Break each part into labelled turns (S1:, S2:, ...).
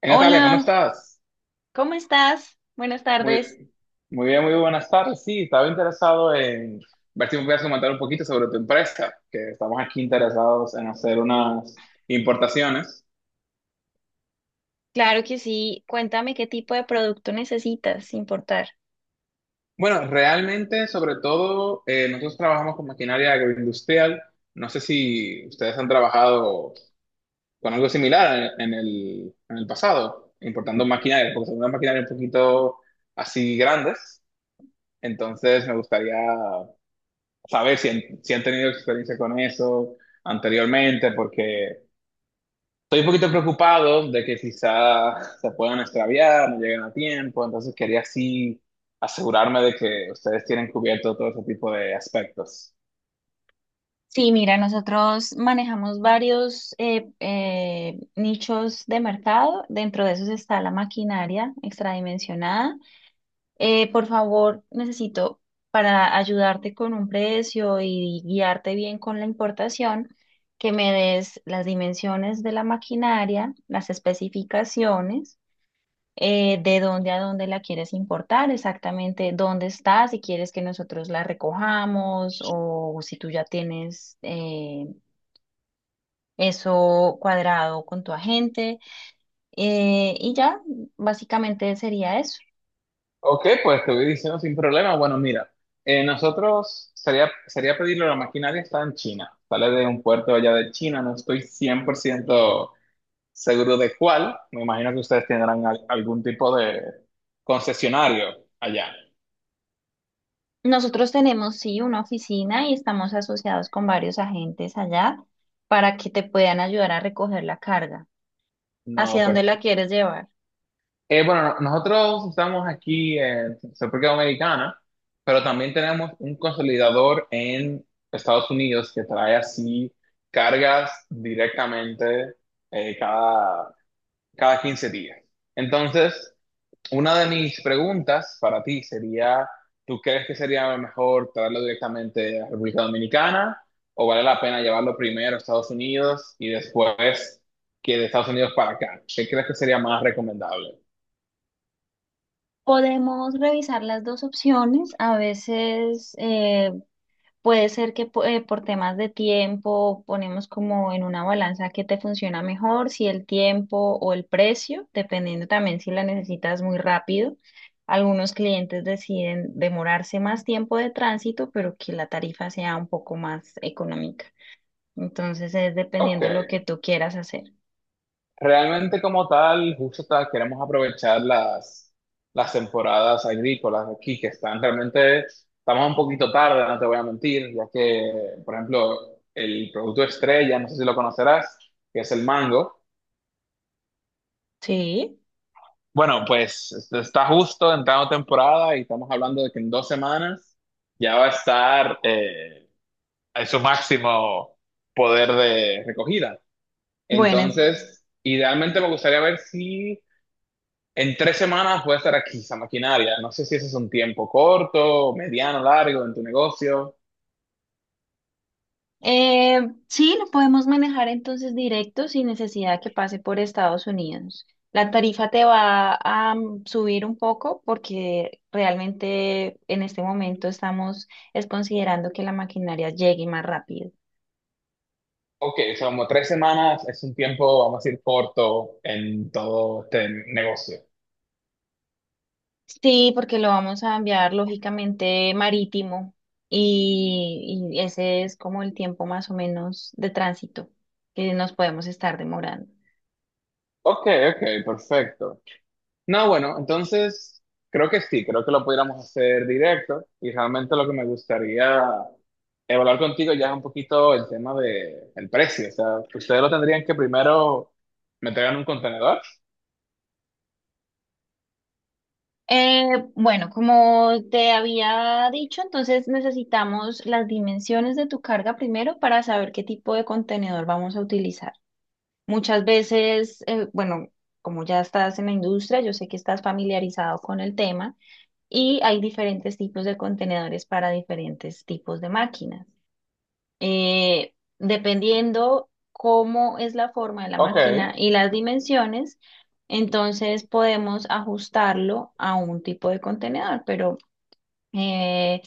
S1: Hey, Natalia, ¿cómo
S2: Hola,
S1: estás?
S2: ¿cómo estás? Buenas
S1: Muy,
S2: tardes.
S1: muy bien, muy buenas tardes. Sí, estaba interesado en ver si me puedes comentar un poquito sobre tu empresa, que estamos aquí interesados en hacer unas importaciones.
S2: Claro que sí. Cuéntame qué tipo de producto necesitas, sin importar.
S1: Bueno, realmente, sobre todo, nosotros trabajamos con maquinaria agroindustrial. No sé si ustedes han trabajado con algo similar en el pasado, importando maquinaria, porque son unas maquinarias un poquito así grandes. Entonces, me gustaría saber si han tenido experiencia con eso anteriormente, porque estoy un poquito preocupado de que quizá se puedan extraviar, no lleguen a tiempo, entonces quería así asegurarme de que ustedes tienen cubierto todo ese tipo de aspectos.
S2: Sí, mira, nosotros manejamos varios nichos de mercado. Dentro de esos está la maquinaria extradimensionada. Por favor, necesito para ayudarte con un precio y guiarte bien con la importación, que me des las dimensiones de la maquinaria, las especificaciones. De dónde a dónde la quieres importar, exactamente dónde está, si quieres que nosotros la recojamos o si tú ya tienes eso cuadrado con tu agente. Y ya, básicamente sería eso.
S1: Ok, pues te voy diciendo sin problema. Bueno, mira, nosotros sería pedirlo, la maquinaria está en China, sale de un puerto allá de China, no estoy 100% seguro de cuál. Me imagino que ustedes tendrán algún tipo de concesionario allá.
S2: Nosotros tenemos, sí, una oficina y estamos asociados con varios agentes allá para que te puedan ayudar a recoger la carga.
S1: No,
S2: ¿Hacia
S1: pero
S2: dónde la quieres llevar?
S1: bueno, no, nosotros estamos aquí en República Dominicana, pero también tenemos un consolidador en Estados Unidos que trae así cargas directamente eh, cada, cada 15 días. Entonces, una de mis preguntas para ti sería, ¿tú crees que sería mejor traerlo directamente a República Dominicana o vale la pena llevarlo primero a Estados Unidos y después que de Estados Unidos para acá? ¿Qué crees que sería más recomendable?
S2: Podemos revisar las dos opciones. A veces puede ser que por temas de tiempo ponemos como en una balanza qué te funciona mejor, si el tiempo o el precio, dependiendo también si la necesitas muy rápido. Algunos clientes deciden demorarse más tiempo de tránsito, pero que la tarifa sea un poco más económica. Entonces es
S1: Ok,
S2: dependiendo lo que tú quieras hacer.
S1: realmente como tal, queremos aprovechar las temporadas agrícolas aquí que están realmente, estamos un poquito tarde, no te voy a mentir, ya que, por ejemplo, el producto estrella, no sé si lo conocerás, que es el mango.
S2: Sí.
S1: Bueno, pues este, está justo entrando temporada y estamos hablando de que en 2 semanas ya va a estar en su máximo poder de recogida.
S2: Bueno,
S1: Entonces, idealmente me gustaría ver si en 3 semanas puede estar aquí esa maquinaria. No sé si ese es un tiempo corto, mediano, largo en tu negocio.
S2: Eh, sí, lo podemos manejar entonces directo sin necesidad que pase por Estados Unidos. La tarifa te va a subir un poco porque realmente en este momento estamos es considerando que la maquinaria llegue más rápido.
S1: Ok, o sea, como 3 semanas es un tiempo, vamos a decir, corto en todo este negocio.
S2: Sí, porque lo vamos a enviar lógicamente marítimo y ese es como el tiempo más o menos de tránsito que nos podemos estar demorando.
S1: Ok, ok, perfecto. No, bueno, entonces creo que sí, creo que lo pudiéramos hacer directo y realmente lo que me gustaría evaluar contigo ya es un poquito el tema de el precio, o sea, ustedes lo tendrían que primero meter en un contenedor.
S2: Bueno, como te había dicho, entonces necesitamos las dimensiones de tu carga primero para saber qué tipo de contenedor vamos a utilizar. Muchas veces, bueno, como ya estás en la industria, yo sé que estás familiarizado con el tema y hay diferentes tipos de contenedores para diferentes tipos de máquinas, dependiendo cómo es la forma de la
S1: Ok,
S2: máquina y las dimensiones, entonces podemos ajustarlo a un tipo de contenedor, pero eh,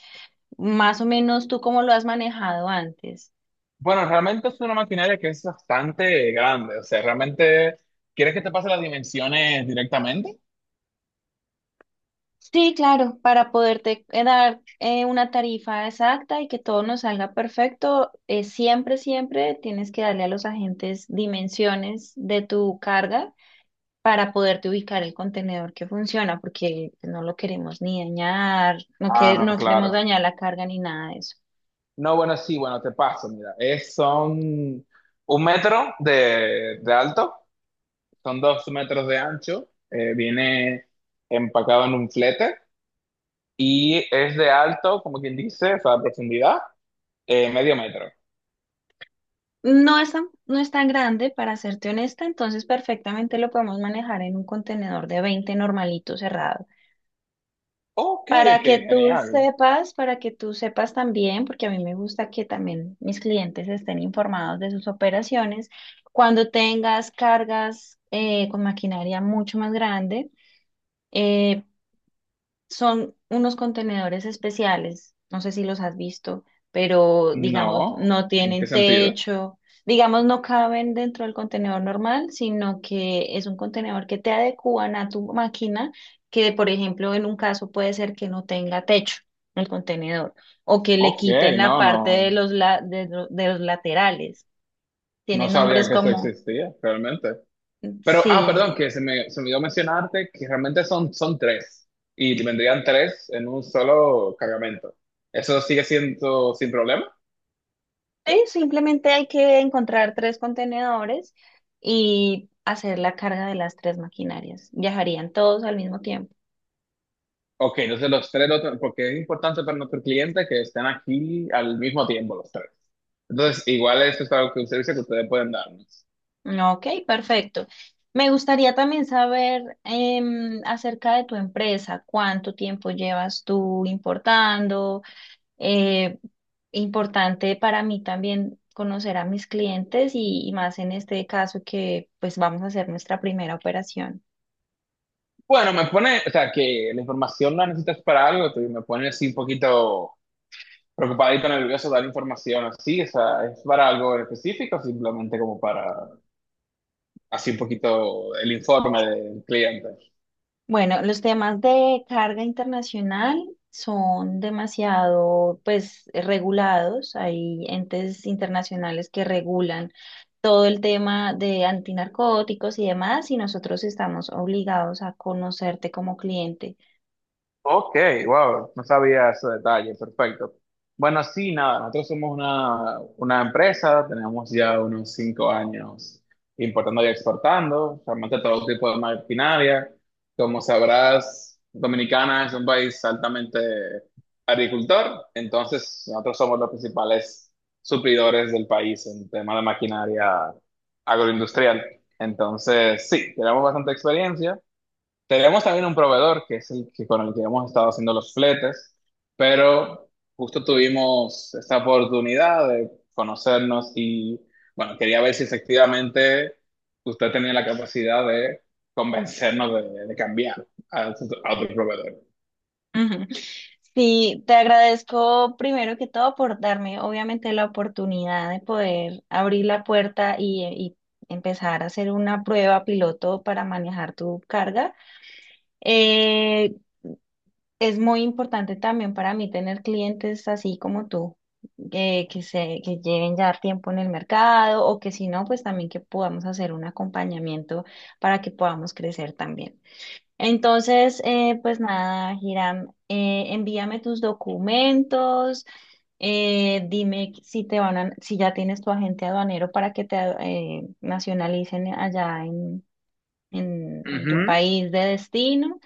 S2: más o menos tú cómo lo has manejado antes.
S1: bueno, realmente es una maquinaria que es bastante grande, o sea, realmente, ¿quieres que te pase las dimensiones directamente?
S2: Sí, claro, para poderte dar una tarifa exacta y que todo nos salga perfecto, siempre, siempre tienes que darle a los agentes dimensiones de tu carga para poderte ubicar el contenedor que funciona, porque no lo queremos ni dañar, no,
S1: Ah,
S2: que,
S1: no,
S2: no queremos
S1: claro.
S2: dañar la carga ni nada de eso.
S1: No, bueno, sí, bueno, te paso, mira, son un metro de alto, son dos metros de ancho, viene empacado en un flete y es de alto, como quien dice, o sea, profundidad, medio metro.
S2: No es tan grande, para serte honesta, entonces perfectamente lo podemos manejar en un contenedor de 20 normalito cerrado.
S1: Ok,
S2: Para
S1: ok,
S2: que tú
S1: genial.
S2: sepas, para que tú sepas también, porque a mí me gusta que también mis clientes estén informados de sus operaciones, cuando tengas cargas con maquinaria mucho más grande, eh, son unos contenedores especiales, no sé si los has visto, pero digamos,
S1: No,
S2: no
S1: ¿en qué
S2: tienen
S1: sentido?
S2: techo, digamos, no caben dentro del contenedor normal, sino que es un contenedor que te adecúan a tu máquina, que por ejemplo en un caso puede ser que no tenga techo el contenedor o que le
S1: Ok,
S2: quiten la
S1: no, no,
S2: parte de los, la- de lo- de los laterales.
S1: no
S2: Tienen
S1: sabía
S2: nombres
S1: que eso
S2: como,
S1: existía realmente. Pero, ah,
S2: sí.
S1: perdón, que se me olvidó mencionarte que realmente son tres y vendrían tres en un solo cargamento. ¿Eso sigue siendo sin problema?
S2: Sí, simplemente hay que encontrar tres contenedores y hacer la carga de las tres maquinarias. Viajarían todos al mismo tiempo.
S1: Ok, entonces los tres, porque es importante para nuestro cliente que estén aquí al mismo tiempo los tres. Entonces, igual esto es algo que un servicio que ustedes pueden darnos.
S2: Ok, perfecto. Me gustaría también saber acerca de tu empresa, cuánto tiempo llevas tú importando. Eh, Importante para mí también conocer a mis clientes y más en este caso que pues vamos a hacer nuestra primera operación.
S1: Bueno, me pone, o sea, que la información la necesitas para algo, me pone así un poquito preocupadito, nervioso dar información así, o sea, ¿es para algo específico, o simplemente como para, así un poquito el informe del cliente?
S2: Bueno, los temas de carga internacional son demasiado, pues, regulados. Hay entes internacionales que regulan todo el tema de antinarcóticos y demás, y nosotros estamos obligados a conocerte como cliente.
S1: Ok, wow, no sabía ese detalle, perfecto. Bueno, sí, nada, nosotros somos una empresa, tenemos ya unos 5 años importando y exportando, realmente todo tipo de maquinaria. Como sabrás, Dominicana es un país altamente agricultor, entonces nosotros somos los principales suplidores del país en tema de maquinaria agroindustrial. Entonces, sí, tenemos bastante experiencia. Tenemos también un proveedor que es el que con el que hemos estado haciendo los fletes, pero justo tuvimos esta oportunidad de conocernos y bueno, quería ver si efectivamente usted tenía la capacidad de convencernos de cambiar otro a otro proveedor.
S2: Ujú. Sí, te agradezco primero que todo por darme, obviamente, la oportunidad de poder abrir la puerta y empezar a hacer una prueba piloto para manejar tu carga. Eh, Es muy importante también para mí tener clientes así como tú, que lleven ya tiempo en el mercado o que si no, pues también que podamos hacer un acompañamiento para que podamos crecer también. Entonces, pues nada, Hiram, envíame tus documentos, dime si te van si ya tienes tu agente aduanero para que te nacionalicen allá en tu
S1: Ujú.
S2: país de destino.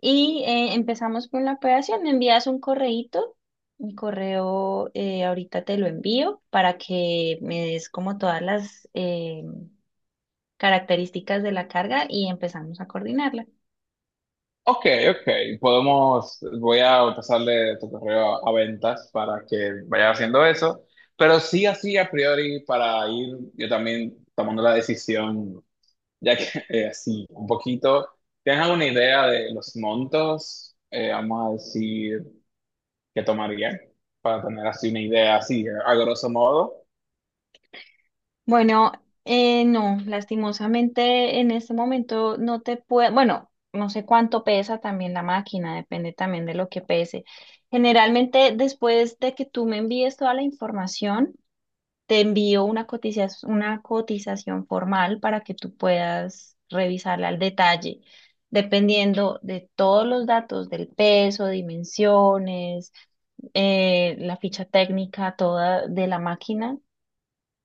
S2: Y empezamos con la operación. Me envías un correíto, mi correo, ahorita te lo envío para que me des como todas las características de la carga y empezamos a coordinarla.
S1: Ok, ok, podemos, voy a pasarle tu correo a ventas para que vaya haciendo eso, pero sí así a priori para ir yo también tomando la decisión. Ya que así, un poquito, ¿tienes alguna idea de los montos, vamos a decir, que tomaría? Para tener así una idea, así, a grosso modo.
S2: Bueno, no, lastimosamente en este momento no te puedo, bueno, no sé cuánto pesa también la máquina, depende también de lo que pese. Generalmente después de que tú me envíes toda la información, te envío una cotización formal para que tú puedas revisarla al detalle, dependiendo de todos los datos del peso, dimensiones, la ficha técnica toda de la máquina,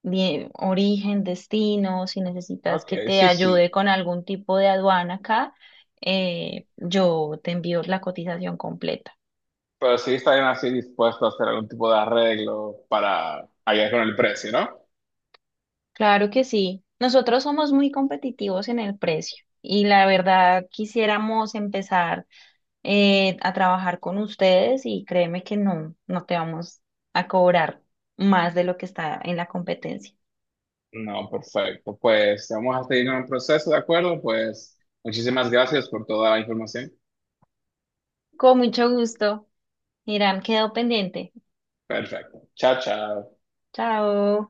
S2: origen, destino, si necesitas
S1: Ok,
S2: que te
S1: sí, sí.
S2: ayude con algún tipo de aduana acá, yo te envío la cotización completa.
S1: Pero sí estarían así dispuestos a hacer algún tipo de arreglo para ayudar con el precio, ¿no?
S2: Claro que sí. Nosotros somos muy competitivos en el precio y la verdad quisiéramos empezar a trabajar con ustedes y créeme que no, no te vamos a cobrar más de lo que está en la competencia.
S1: No, perfecto. Pues vamos a seguir con el proceso, ¿de acuerdo? Pues muchísimas gracias por toda la información.
S2: Con mucho gusto. Irán, quedó pendiente.
S1: Perfecto. Chao, chao.
S2: Chao.